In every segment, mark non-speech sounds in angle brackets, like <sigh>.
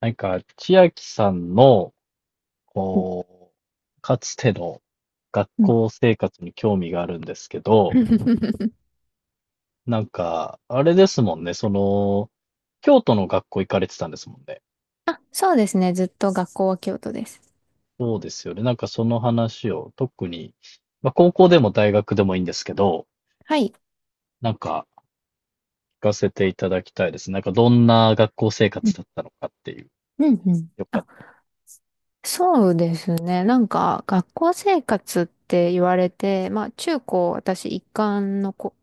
なんか、千秋さんの、うんこう、かつての学うん 校生活に興味があるんですけど、<laughs> なんか、あれですもんね、その、京都の学校行かれてたんですもんね。あ、そうですね。ずっと学校は京都です。そうですよね。なんかその話を特に、まあ、高校でも大学でもいいんですけど、はい。なんか聞かせていただきたいです。なんかどんな学校生うん活だったのかっていう。うんうん。よかっあ、たそうですね。なんか、学校生活って言われて、まあ、中高、私、一貫のこ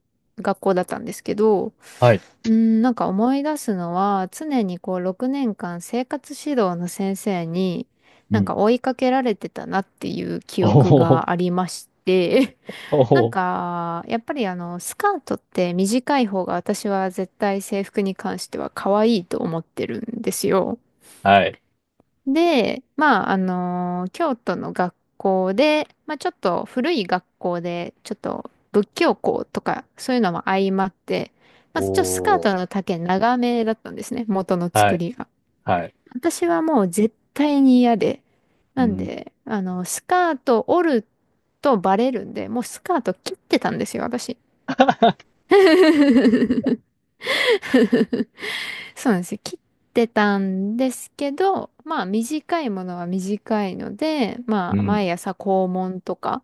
学校だったんですけど、ら。はい。うん、なんか思い出すのは、常にこう、6年間生活指導の先生に、うなんかん。追いかけられてたなっていう記お憶お、がありまして、おなんお、か、やっぱりスカートって短い方が私は絶対制服に関しては可愛いと思ってるんですよ。はい。で、まあ、京都の学校で、まあ、ちょっと古い学校で、ちょっと仏教校とか、そういうのも相まって、おまあ、ちょっとスカーお、トの丈長めだったんですね、元のは作い、りが。はい。私はもう絶対に嫌で。うなんんで、スカート折るとバレるんで、もうスカート切ってたんですよ、私。<laughs> そうなんですよ。切ってたんですけど、まあ短いものは短いので、まうあん。毎朝校門とか、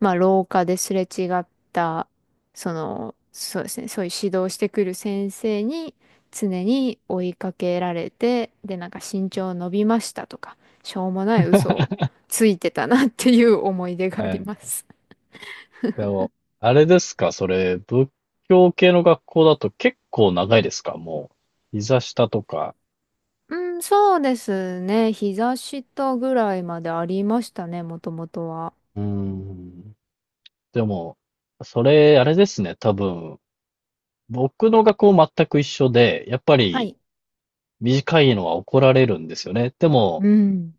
まあ廊下ですれ違った、そうですね、そういう指導してくる先生に常に追いかけられて、で、なんか身長伸びましたとか、しょうもない嘘を <laughs> ついてたなっていう思い出があはりい。ます。でも、あれですか、それ、仏教系の学校だと結構長いですか、もう。膝下とか。うん、そうですね。膝下ぐらいまでありましたね、もともとは。うーん。でも、それ、あれですね、多分。僕の学校全く一緒で、やっぱはりい。短いのは怒られるんですよね。でも、うん、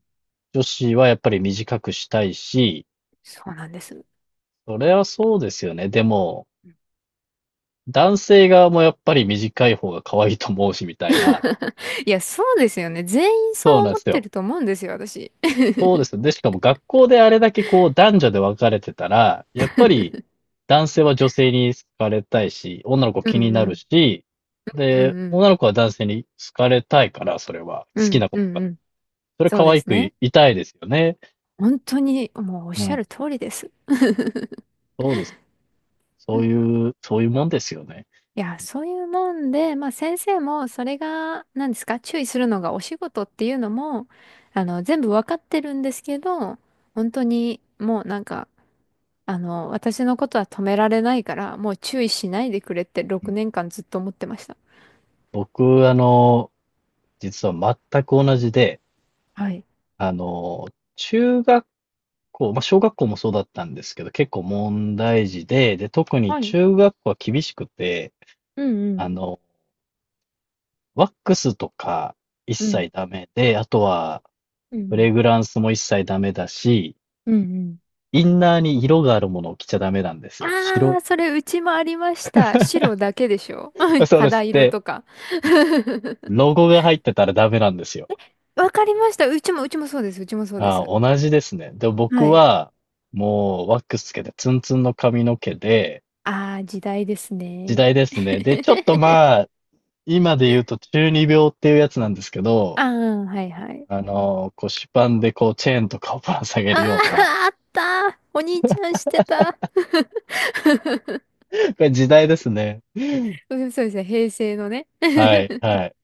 女子はやっぱり短くしたいし、そうなんです。それはそうですよね。でも、男性側もやっぱり短い方が可愛いと思うし、みたいな。<laughs> いや、そうですよね。全員そそううなんで思っすてよ。ると思うんですよ、私。そうで <laughs> すね。で、しかも学校であれだけこう男女で分かれてたら、やっぱり男性は女性に好かれたいし、女の子う気にんうなるん。し、うで、んうん。女の子は男性に好かれたいから、それは。う好きんなこうんとが。うん。それそう可で愛すくい、ね。いたいですよね。本当にもうおっうしゃん。る通りです。そうです。そうん。ういう、そういうもんですよね。いや、そういうもんで、まあ先生もそれが、何ですか、注意するのがお仕事っていうのも、全部わかってるんですけど、本当にもうなんか、私のことは止められないから、もう注意しないでくれってう6ん。年間ずっと思ってました。僕、あの、実は全く同じで、はい。あの、中学こう、まあ、小学校もそうだったんですけど、結構問題児で、特にはい。中学校は厳しくて、うあんの、ワックスとか一うん。う切ん。ダメで、あとは、うフレん。グランスも一切ダメだし、うんうん。インナーに色があるものを着ちゃダメなんですよ。あ白あ、それうちもありました。白だけでしょ い、<laughs> <laughs> そうで肌す。色で、とか。<laughs> ロゴが入ってたらダメなんですよ。わかりました。うちもそうです。うちもそうであす。あ、同じですね。で、僕はい。は、もう、ワックスつけて、ツンツンの髪の毛で、ああ、時代です時ね。代ですね。で、ちょっと <laughs> まあ、今で言うと中二病っていうやつなんですけど、ああ、はいはい。あの、腰パンでこうチェーンとかをぶら下あげるあ、ような、あった。お兄ちゃんしてた。<laughs> <laughs> これ時代ですね。そうそうですね、平成のね。はい、<laughs> はい。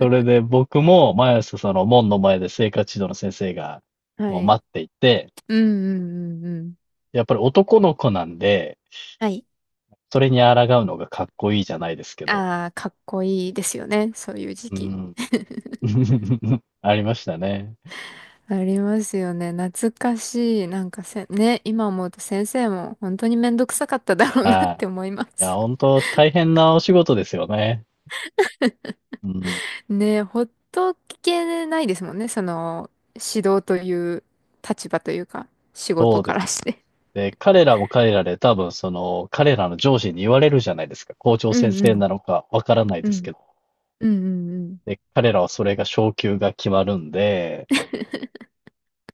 それで僕も毎朝その門の前で生活指導の先生がはもうい。待っていて、うんうんうんうん。やっぱり男の子なんで、はい。それに抗うのがかっこいいじゃないですけど。ああ、かっこいいですよね。そういう時う期。ん。<laughs> <laughs> ありましたね。ありますよね。懐かしい。なんかね、今思うと先生も本当にめんどくさかっただろうなっはて思いまい。いや、す。本当大変なお仕事ですよね。うん。<laughs> ね、ほっとけないですもんね。指導という立場というか、仕そ事うでかすらして。ね。で、彼らも彼らで多分その、彼らの上司に言われるじゃないですか。校長う先んう生ん。なのかわからないうですん。けど。うんうんうん。で、彼らはそれが昇給が決まるんで、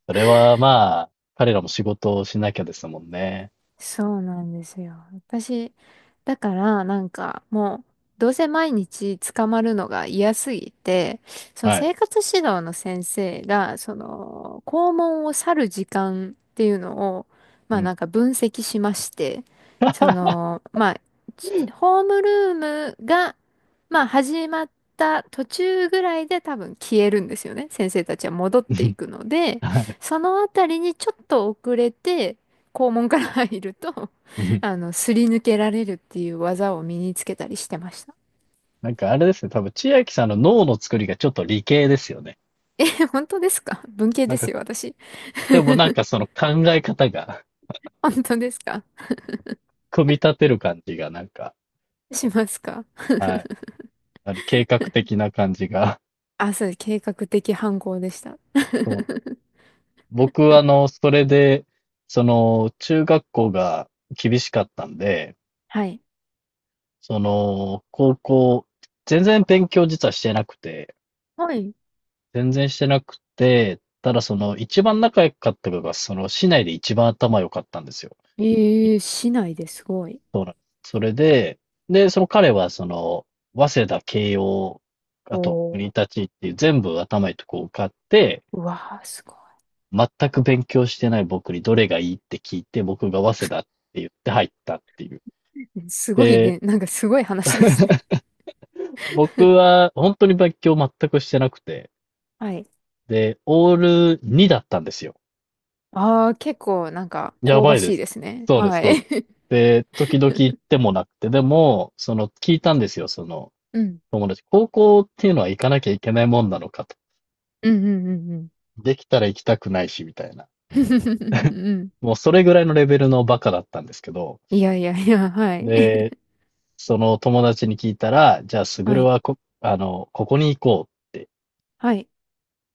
それはまあ、彼らも仕事をしなきゃですもんね。そうなんですよ。私、だからなんかもう、どうせ毎日捕まるのが嫌すぎて、そのはい。生活指導の先生が、その、校門を去る時間っていうのを、うまあなん。んか分析しまして、まあ、ホームルームが、まあ始まった途中ぐらいで多分消えるんですよね。先生たちは戻ってい <laughs> くので、はい。そのあたりにちょっと遅れて、肛門から入ると、う <laughs> ん。すり抜けられるっていう技を身につけたりしてました。なんかあれですね、多分千秋さんの脳の作りがちょっと理系ですよね。<laughs> え、本当ですか？文系なんでか、すよ、私。でもなんか <laughs> その考え方が本当ですか？組み立てる感じがなんか、しますか？はい。計画的な感じが、あ、そうです、計画的犯行でした。そう。 <laughs> 僕、あの、それで、その、中学校が厳しかったんで、はい。その、高校、全然勉強実はしてなくて、はい。全然してなくて、ただその、一番仲良かった子が、その、市内で一番頭良かったんですよ。いええ、市内で？すごい。そうなんです。それで、その彼は、その、早稲田、慶応、おあと、国ー、立っていう全部頭いいとこ受かって、うわー、すご全く勉強してない僕にどれがいいって聞いて、僕が早稲田って言って入ったっていう。い。すごいで、ね、なんかすごい話ですね。僕は本当に勉強全くしてなくて、はい。で、オール2だったんですよ。ああ、結構なんかや香ばばいでしいす。ですね。そうです、はそうい。です。<laughs> で、時々行ってもなくて、でも、その、聞いたんですよ、その、うん。友達。高校っていうのは行かなきゃいけないもんなのかと。<laughs> うんうんうんうん。できたら行きたくないし、みたいな。<laughs> うん。もうそれぐらいのレベルのバカだったんですけど、いやいやいや、はい。で、<laughs> その友達に聞いたら、じゃあ、すぐはるい。はこ、あの、ここに行こうって。はい。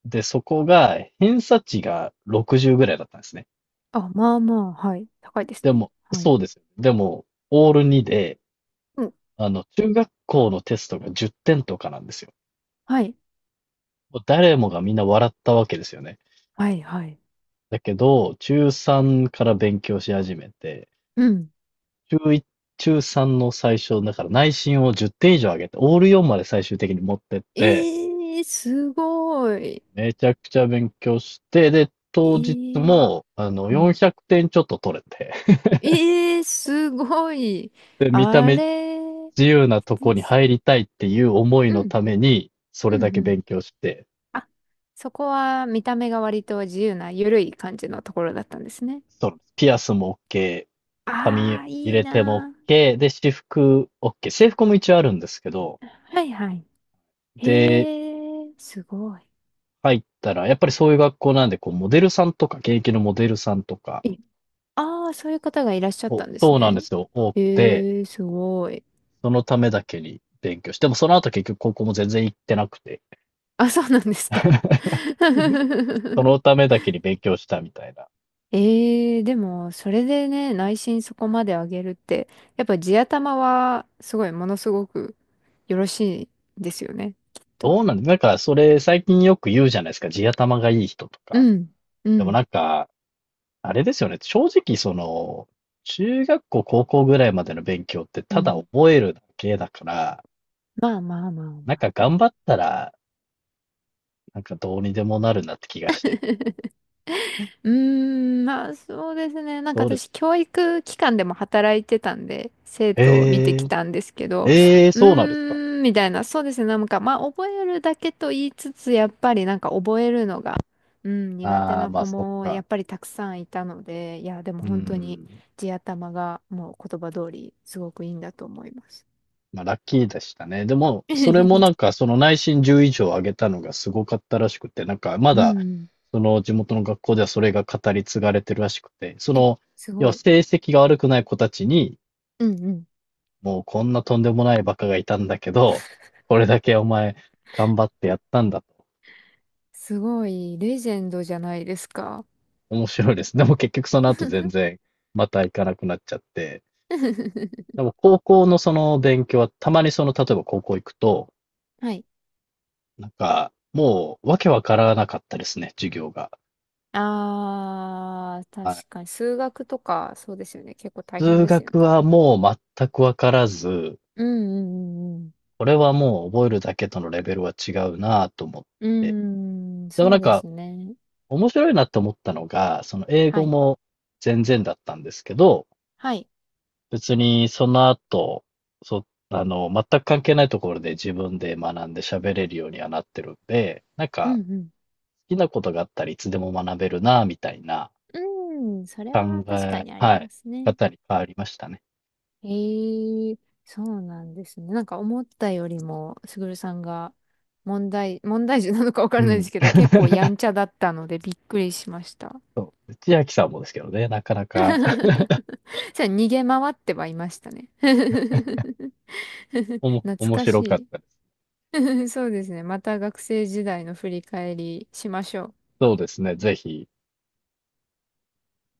で、そこが、偏差値が60ぐらいだったんですね。あ、まあまあ、はい。高いですでね。も、はい。そうですよね。でも、オール2で、うん。あの、中学校のテストが10点とかなんですよ。はい。もう誰もがみんな笑ったわけですよね。はい、はい。だけど、中3から勉強し始めて、うん。中1、中3の最初、だから内申を10点以上上げて、オール4まで最終的に持ってっえて、ー、すごい。めちゃくちゃ勉強して、で、え当日ー、も、あの、うん。400点ちょっと取れて、えー、すごい。で、見たあ目れ自由なとこでにす。入りたいっていう思いうのん。ために、そうれだん、うけん。勉強して、あ、そこは見た目が割と自由な、ゆるい感じのところだったんですね。そうなんです。ピアスも OK、髪あー、入いいれても な OK、で、私服 OK。制服も一応あるんですけど、ー。はい、はい。で、えー、すごい。入ったら、やっぱりそういう学校なんで、こう、モデルさんとか、現役のモデルさんとか、ああ、そういう方がいらっしゃったんですそうなんでね。すよ、多くて、ええ、すごい。そのためだけに勉強して、でもその後結局高校も全然行ってなくて、あ、そうなんですか。<laughs> そ <laughs> のためだけに勉強したみたいな。ええ、でも、それでね、内心そこまで上げるって、やっぱ地頭は、すごい、ものすごくよろしいんですよね、きっと。どうなんなんか、それ最近よく言うじゃないですか。地頭がいい人とか。うん、うでもん、なんか、あれですよね。正直、その、中学校、高校ぐらいまでの勉強ってうただん。覚えるだけだから、まあまあまあなまんかあ。頑張ったら、なんかどうにでもなるなって気がしてて。うーん、まあそうですね。なんかどうです私、教育機関でも働いてたんで、生徒を見てえきー、たんですけど、えー、うそうなんですか。ーん、みたいな、そうですね。なんか、まあ覚えるだけと言いつつ、やっぱりなんか覚えるのが、うん、苦手ああ、なまあ子そっもやか。っぱりたくさんいたので、いや、でもう本当にん。地頭がもう言葉通り、すごくいいんだと思います。まあラッキーでしたね。でも、それもなん <laughs> かその内申10以上上げたのがすごかったらしくて、なんかまうだ、ん。その地元の学校ではそれが語り継がれてるらしくて、そえ、の、す要ごはい。成績が悪くない子たちに、うんうん。もうこんなとんでもないバカがいたんだけど、これだけお前頑張ってやったんだと。<laughs> すごい、レジェンドじゃないですか。面白いです。でも結局その後全然また行かなくなっちゃって。<laughs> でも高校のその勉強はたまにその例えば高校行くと、はい。なんかもうわけわからなかったですね、授業が。あー、はい。確かに。数学とか、そうですよね。結構大変数ですよね。学はもう全くわからず、うんうんうんこれはもう覚えるだけとのレベルは違うなぁと思っうて。ん。うーん、でもそなうんでかすね。面白いなと思ったのが、その英は語い。も全然だったんですけど、はい。別にその後、そ、あの、全く関係ないところで自分で学んで喋れるようにはなってるんで、なんうかん好きなことがあったらいつでも学べるな、みたいなうん。うーん、それ考は確かえ、にありはい、ますね。方に変わりましたね。えー、そうなんですね。なんか思ったよりも、すぐるさんが問題児なのかわかうらないですん。けど、結構やんちゃだったのでびっくりしました。千秋さんもですけどね、なかな <laughs> か <laughs> じゃあ逃げ回ってはいましたね。<laughs> <laughs> 懐面か白かっしたです。い。<laughs> そうですね。また学生時代の振り返りしましょう。そうですね、ぜひ。